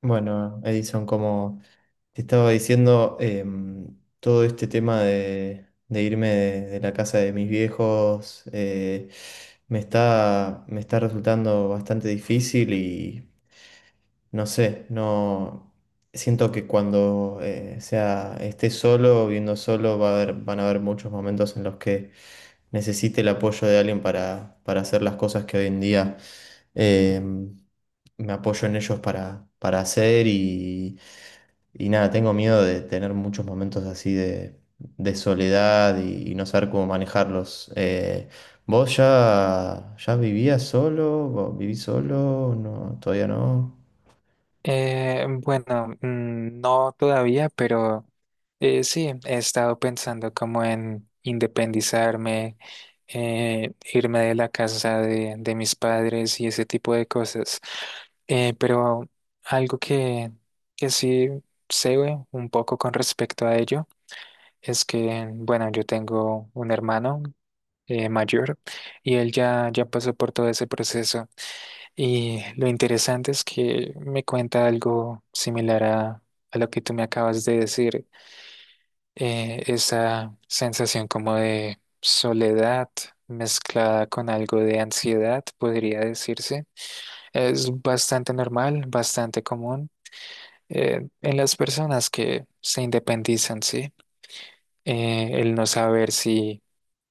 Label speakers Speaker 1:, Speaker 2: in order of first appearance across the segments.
Speaker 1: Bueno, Edison, como te estaba diciendo, todo este tema de irme de la casa de mis viejos, me está resultando bastante difícil y no sé, no siento que cuando sea esté solo, viendo solo, van a haber muchos momentos en los que necesite el apoyo de alguien para hacer las cosas que hoy en día eh, me apoyo en ellos para hacer. Y, y nada, tengo miedo de tener muchos momentos así de soledad y no saber cómo manejarlos. ¿ ya vivías solo? ¿Vos ¿Vivís solo? No, todavía no.
Speaker 2: Bueno, no todavía, pero sí, he estado pensando como en independizarme, irme de la casa de mis padres y ese tipo de cosas. Pero algo que sí sé un poco con respecto a ello es que, bueno, yo tengo un hermano mayor y él ya pasó por todo ese proceso. Y lo interesante es que me cuenta algo similar a lo que tú me acabas de decir, esa sensación como de soledad mezclada con algo de ansiedad, podría decirse. Es bastante normal, bastante común en las personas que se independizan, ¿sí? El no saber si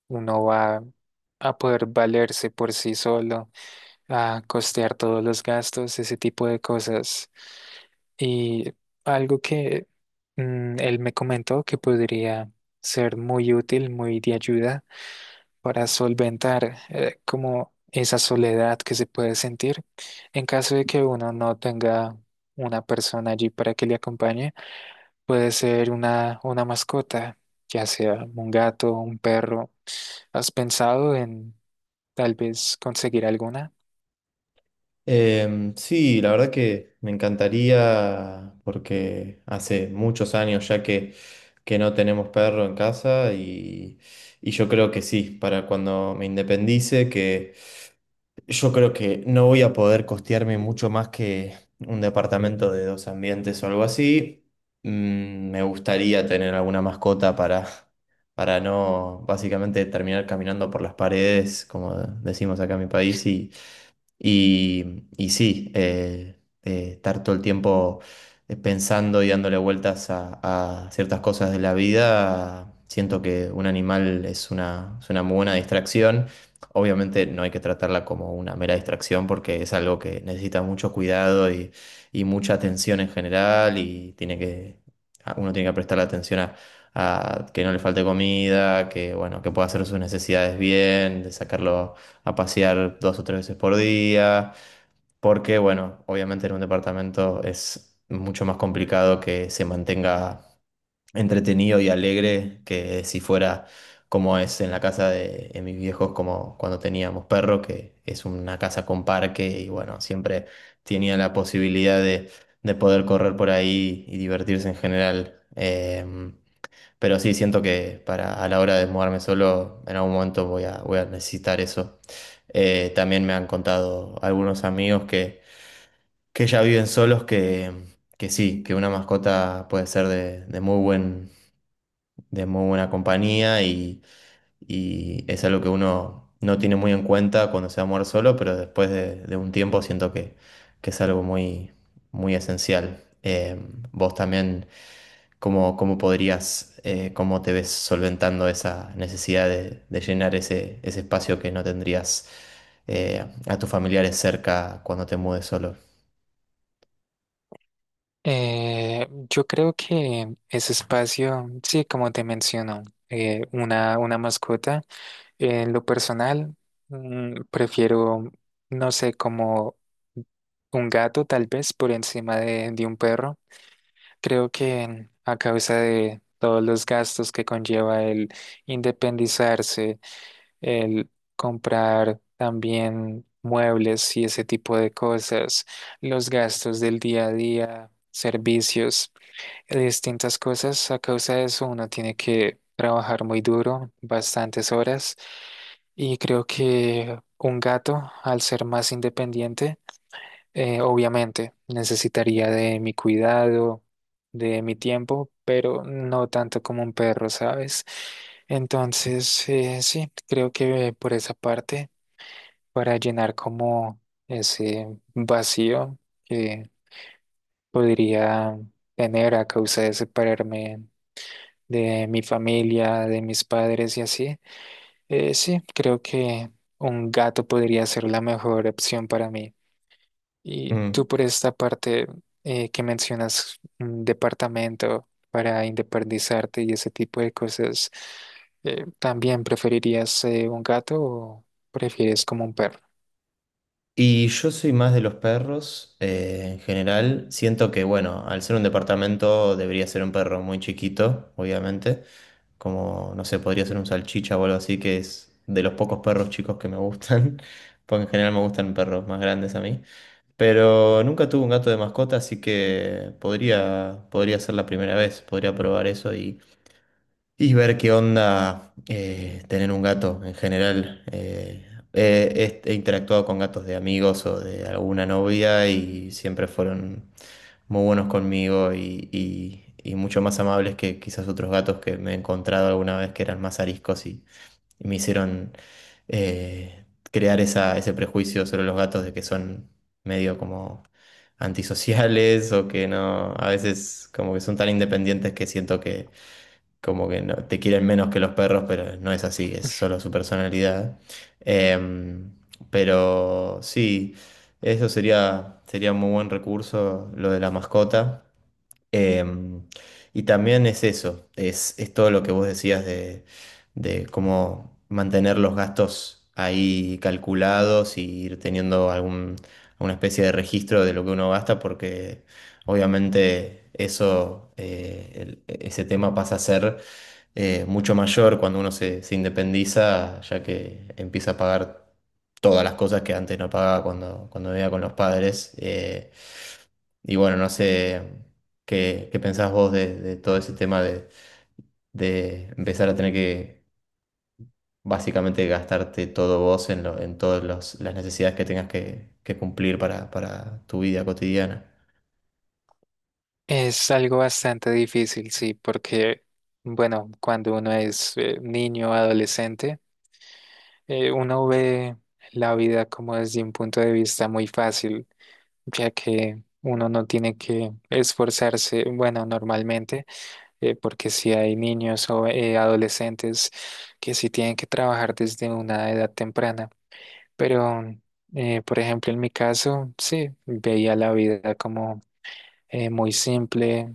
Speaker 2: uno va a poder valerse por sí solo, a costear todos los gastos, ese tipo de cosas. Y algo que él me comentó que podría ser muy útil, muy de ayuda para solventar como esa soledad que se puede sentir en caso de que uno no tenga una persona allí para que le acompañe, puede ser una mascota, ya sea un gato, un perro. ¿Has pensado en tal vez conseguir alguna?
Speaker 1: Sí, la verdad que me encantaría porque hace muchos años ya que no tenemos perro en casa, y yo creo que sí, para cuando me independice, que yo creo que no voy a poder costearme mucho más que un departamento de dos ambientes o algo así. Me gustaría tener alguna mascota para no básicamente terminar caminando por las paredes, como decimos acá en mi país. Y, y sí, estar todo el tiempo pensando y dándole vueltas a ciertas cosas de la vida. Siento que un animal es una muy buena distracción. Obviamente no hay que tratarla como una mera distracción, porque es algo que necesita mucho cuidado y mucha atención en general, y tiene uno tiene que prestar atención a que no le falte comida, que, bueno, que pueda hacer sus necesidades bien, de sacarlo a pasear dos o tres veces por día, porque bueno, obviamente en un departamento es mucho más complicado que se mantenga entretenido y alegre que si fuera como es en la casa de mis viejos, como cuando teníamos perro, que es una casa con parque, y bueno, siempre tenía la posibilidad de poder correr por ahí y divertirse en general. Pero sí, siento que para, a la hora de mudarme solo, en algún momento voy a, voy a necesitar eso. También me han contado algunos amigos que ya viven solos que sí, que una mascota puede ser de muy buena compañía, y es algo que uno no tiene muy en cuenta cuando se va a mover solo, pero después de un tiempo siento que es algo muy, muy esencial. Vos también, ¿cómo, cómo podrías, cómo te ves solventando esa necesidad de llenar ese, ese espacio que no tendrías, a tus familiares cerca cuando te mudes solo?
Speaker 2: Yo creo que ese espacio, sí, como te menciono, una mascota, en lo personal, prefiero, no sé, como un gato tal vez por encima de un perro. Creo que a causa de todos los gastos que conlleva el independizarse, el comprar también muebles y ese tipo de cosas, los gastos del día a día, servicios de distintas cosas. A causa de eso, uno tiene que trabajar muy duro, bastantes horas. Y creo que un gato, al ser más independiente, obviamente necesitaría de mi cuidado, de mi tiempo, pero no tanto como un perro, ¿sabes? Entonces, sí, creo que por esa parte, para llenar como ese vacío que podría tener a causa de separarme de mi familia, de mis padres y así. Sí, creo que un gato podría ser la mejor opción para mí. Y tú
Speaker 1: Mm.
Speaker 2: por esta parte que mencionas un departamento para independizarte y ese tipo de cosas, ¿también preferirías un gato o prefieres como un perro?
Speaker 1: Y yo soy más de los perros, en general. Siento que, bueno, al ser un departamento debería ser un perro muy chiquito, obviamente. Como, no sé, podría ser un salchicha o algo así, que es de los pocos perros chicos que me gustan. Porque en general me gustan perros más grandes a mí. Pero nunca tuve un gato de mascota, así que podría ser la primera vez. Podría probar eso y ver qué onda, tener un gato en general. He interactuado con gatos de amigos o de alguna novia, y siempre fueron muy buenos conmigo, y, y mucho más amables que quizás otros gatos que me he encontrado alguna vez que eran más ariscos, y me hicieron crear esa, ese prejuicio sobre los gatos de que son medio como antisociales, o que no, a veces como que son tan independientes que siento como que no, te quieren menos que los perros, pero no es así, es solo su personalidad. Em, pero sí, eso sería, sería un muy buen recurso, lo de la mascota. Em, y también es eso, es todo lo que vos decías de cómo mantener los gastos ahí calculados y ir teniendo algún, alguna especie de registro de lo que uno gasta, porque obviamente eso, ese tema pasa a ser mucho mayor cuando uno se, se independiza, ya que empieza a pagar todas las cosas que antes no pagaba cuando, cuando vivía con los padres. Y bueno, no sé qué, qué pensás vos de todo ese tema de empezar a tener que básicamente gastarte todo vos en todas las necesidades que tengas que cumplir para tu vida cotidiana.
Speaker 2: Es algo bastante difícil, sí, porque, bueno, cuando uno es niño, adolescente, uno ve la vida como desde un punto de vista muy fácil, ya que uno no tiene que esforzarse, bueno, normalmente, porque si hay niños o adolescentes que sí tienen que trabajar desde una edad temprana. Pero, por ejemplo, en mi caso, sí, veía la vida como muy simple,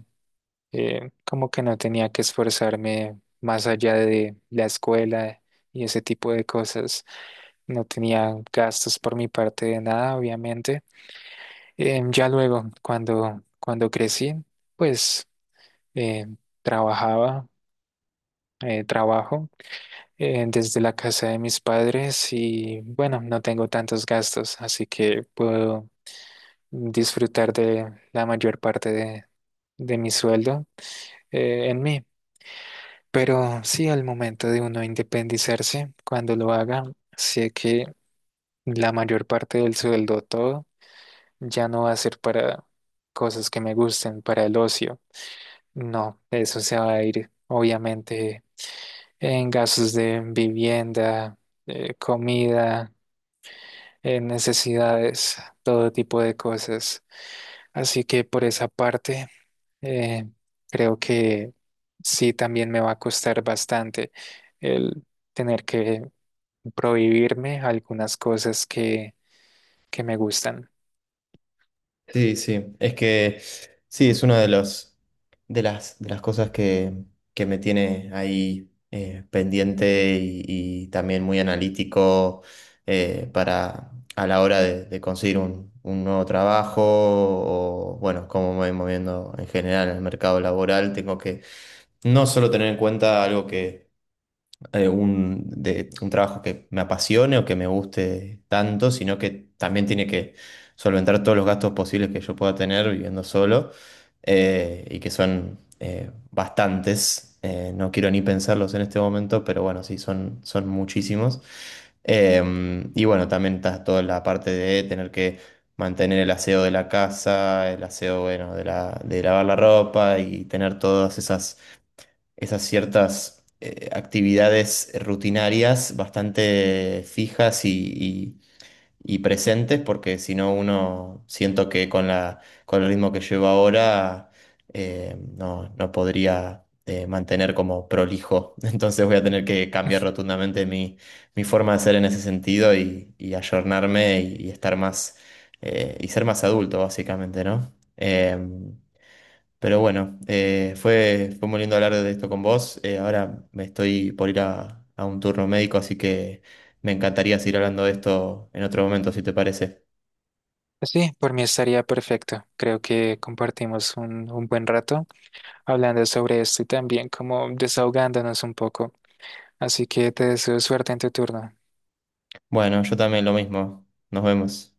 Speaker 2: como que no tenía que esforzarme más allá de la escuela y ese tipo de cosas. No tenía gastos por mi parte de nada, obviamente. Ya luego, cuando crecí, pues eh, trabajaba, trabajo desde la casa de mis padres y bueno, no tengo tantos gastos, así que puedo disfrutar de la mayor parte de mi sueldo en mí. Pero sí, al momento de uno independizarse, cuando lo haga, sé que la mayor parte del sueldo, todo. Ya no va a ser para cosas que me gusten, para el ocio. No, eso se va a ir, obviamente, en gastos de vivienda, comida, en necesidades, todo tipo de cosas. Así que por esa parte, eh, creo que sí también me va a costar bastante el tener que prohibirme algunas cosas que me gustan.
Speaker 1: Sí, sí, es que sí, es una de los, de las cosas que me tiene ahí, pendiente y también muy analítico, para a la hora de conseguir un nuevo trabajo, o bueno, cómo me voy moviendo en general en el mercado laboral. Tengo que no solo tener en cuenta algo, un trabajo que me apasione o que me guste tanto, sino que también tiene que solventar todos los gastos posibles que yo pueda tener viviendo solo, y que son, bastantes. No quiero ni pensarlos en este momento, pero bueno, sí, son, son muchísimos. Eh, y bueno, también está toda la parte de tener que mantener el aseo de la casa, el aseo, bueno, de lavar la ropa y tener todas esas esas ciertas, actividades rutinarias bastante fijas y presentes, porque si no uno siento que con la, con el ritmo que llevo ahora, no, no podría, mantener como prolijo. Entonces voy a tener que cambiar rotundamente mi, mi forma de ser en ese sentido, y ayornarme, y estar más, y ser más adulto, básicamente, ¿no? Pero bueno, fue, fue muy lindo hablar de esto con vos. Ahora me estoy por ir a un turno médico, así que me encantaría seguir hablando de esto en otro momento, si te parece.
Speaker 2: Sí, por mí estaría perfecto. Creo que compartimos un buen rato hablando sobre esto y también como desahogándonos un poco. Así que te deseo suerte en tu turno.
Speaker 1: Bueno, yo también lo mismo. Nos vemos.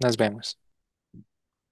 Speaker 2: Nos vemos.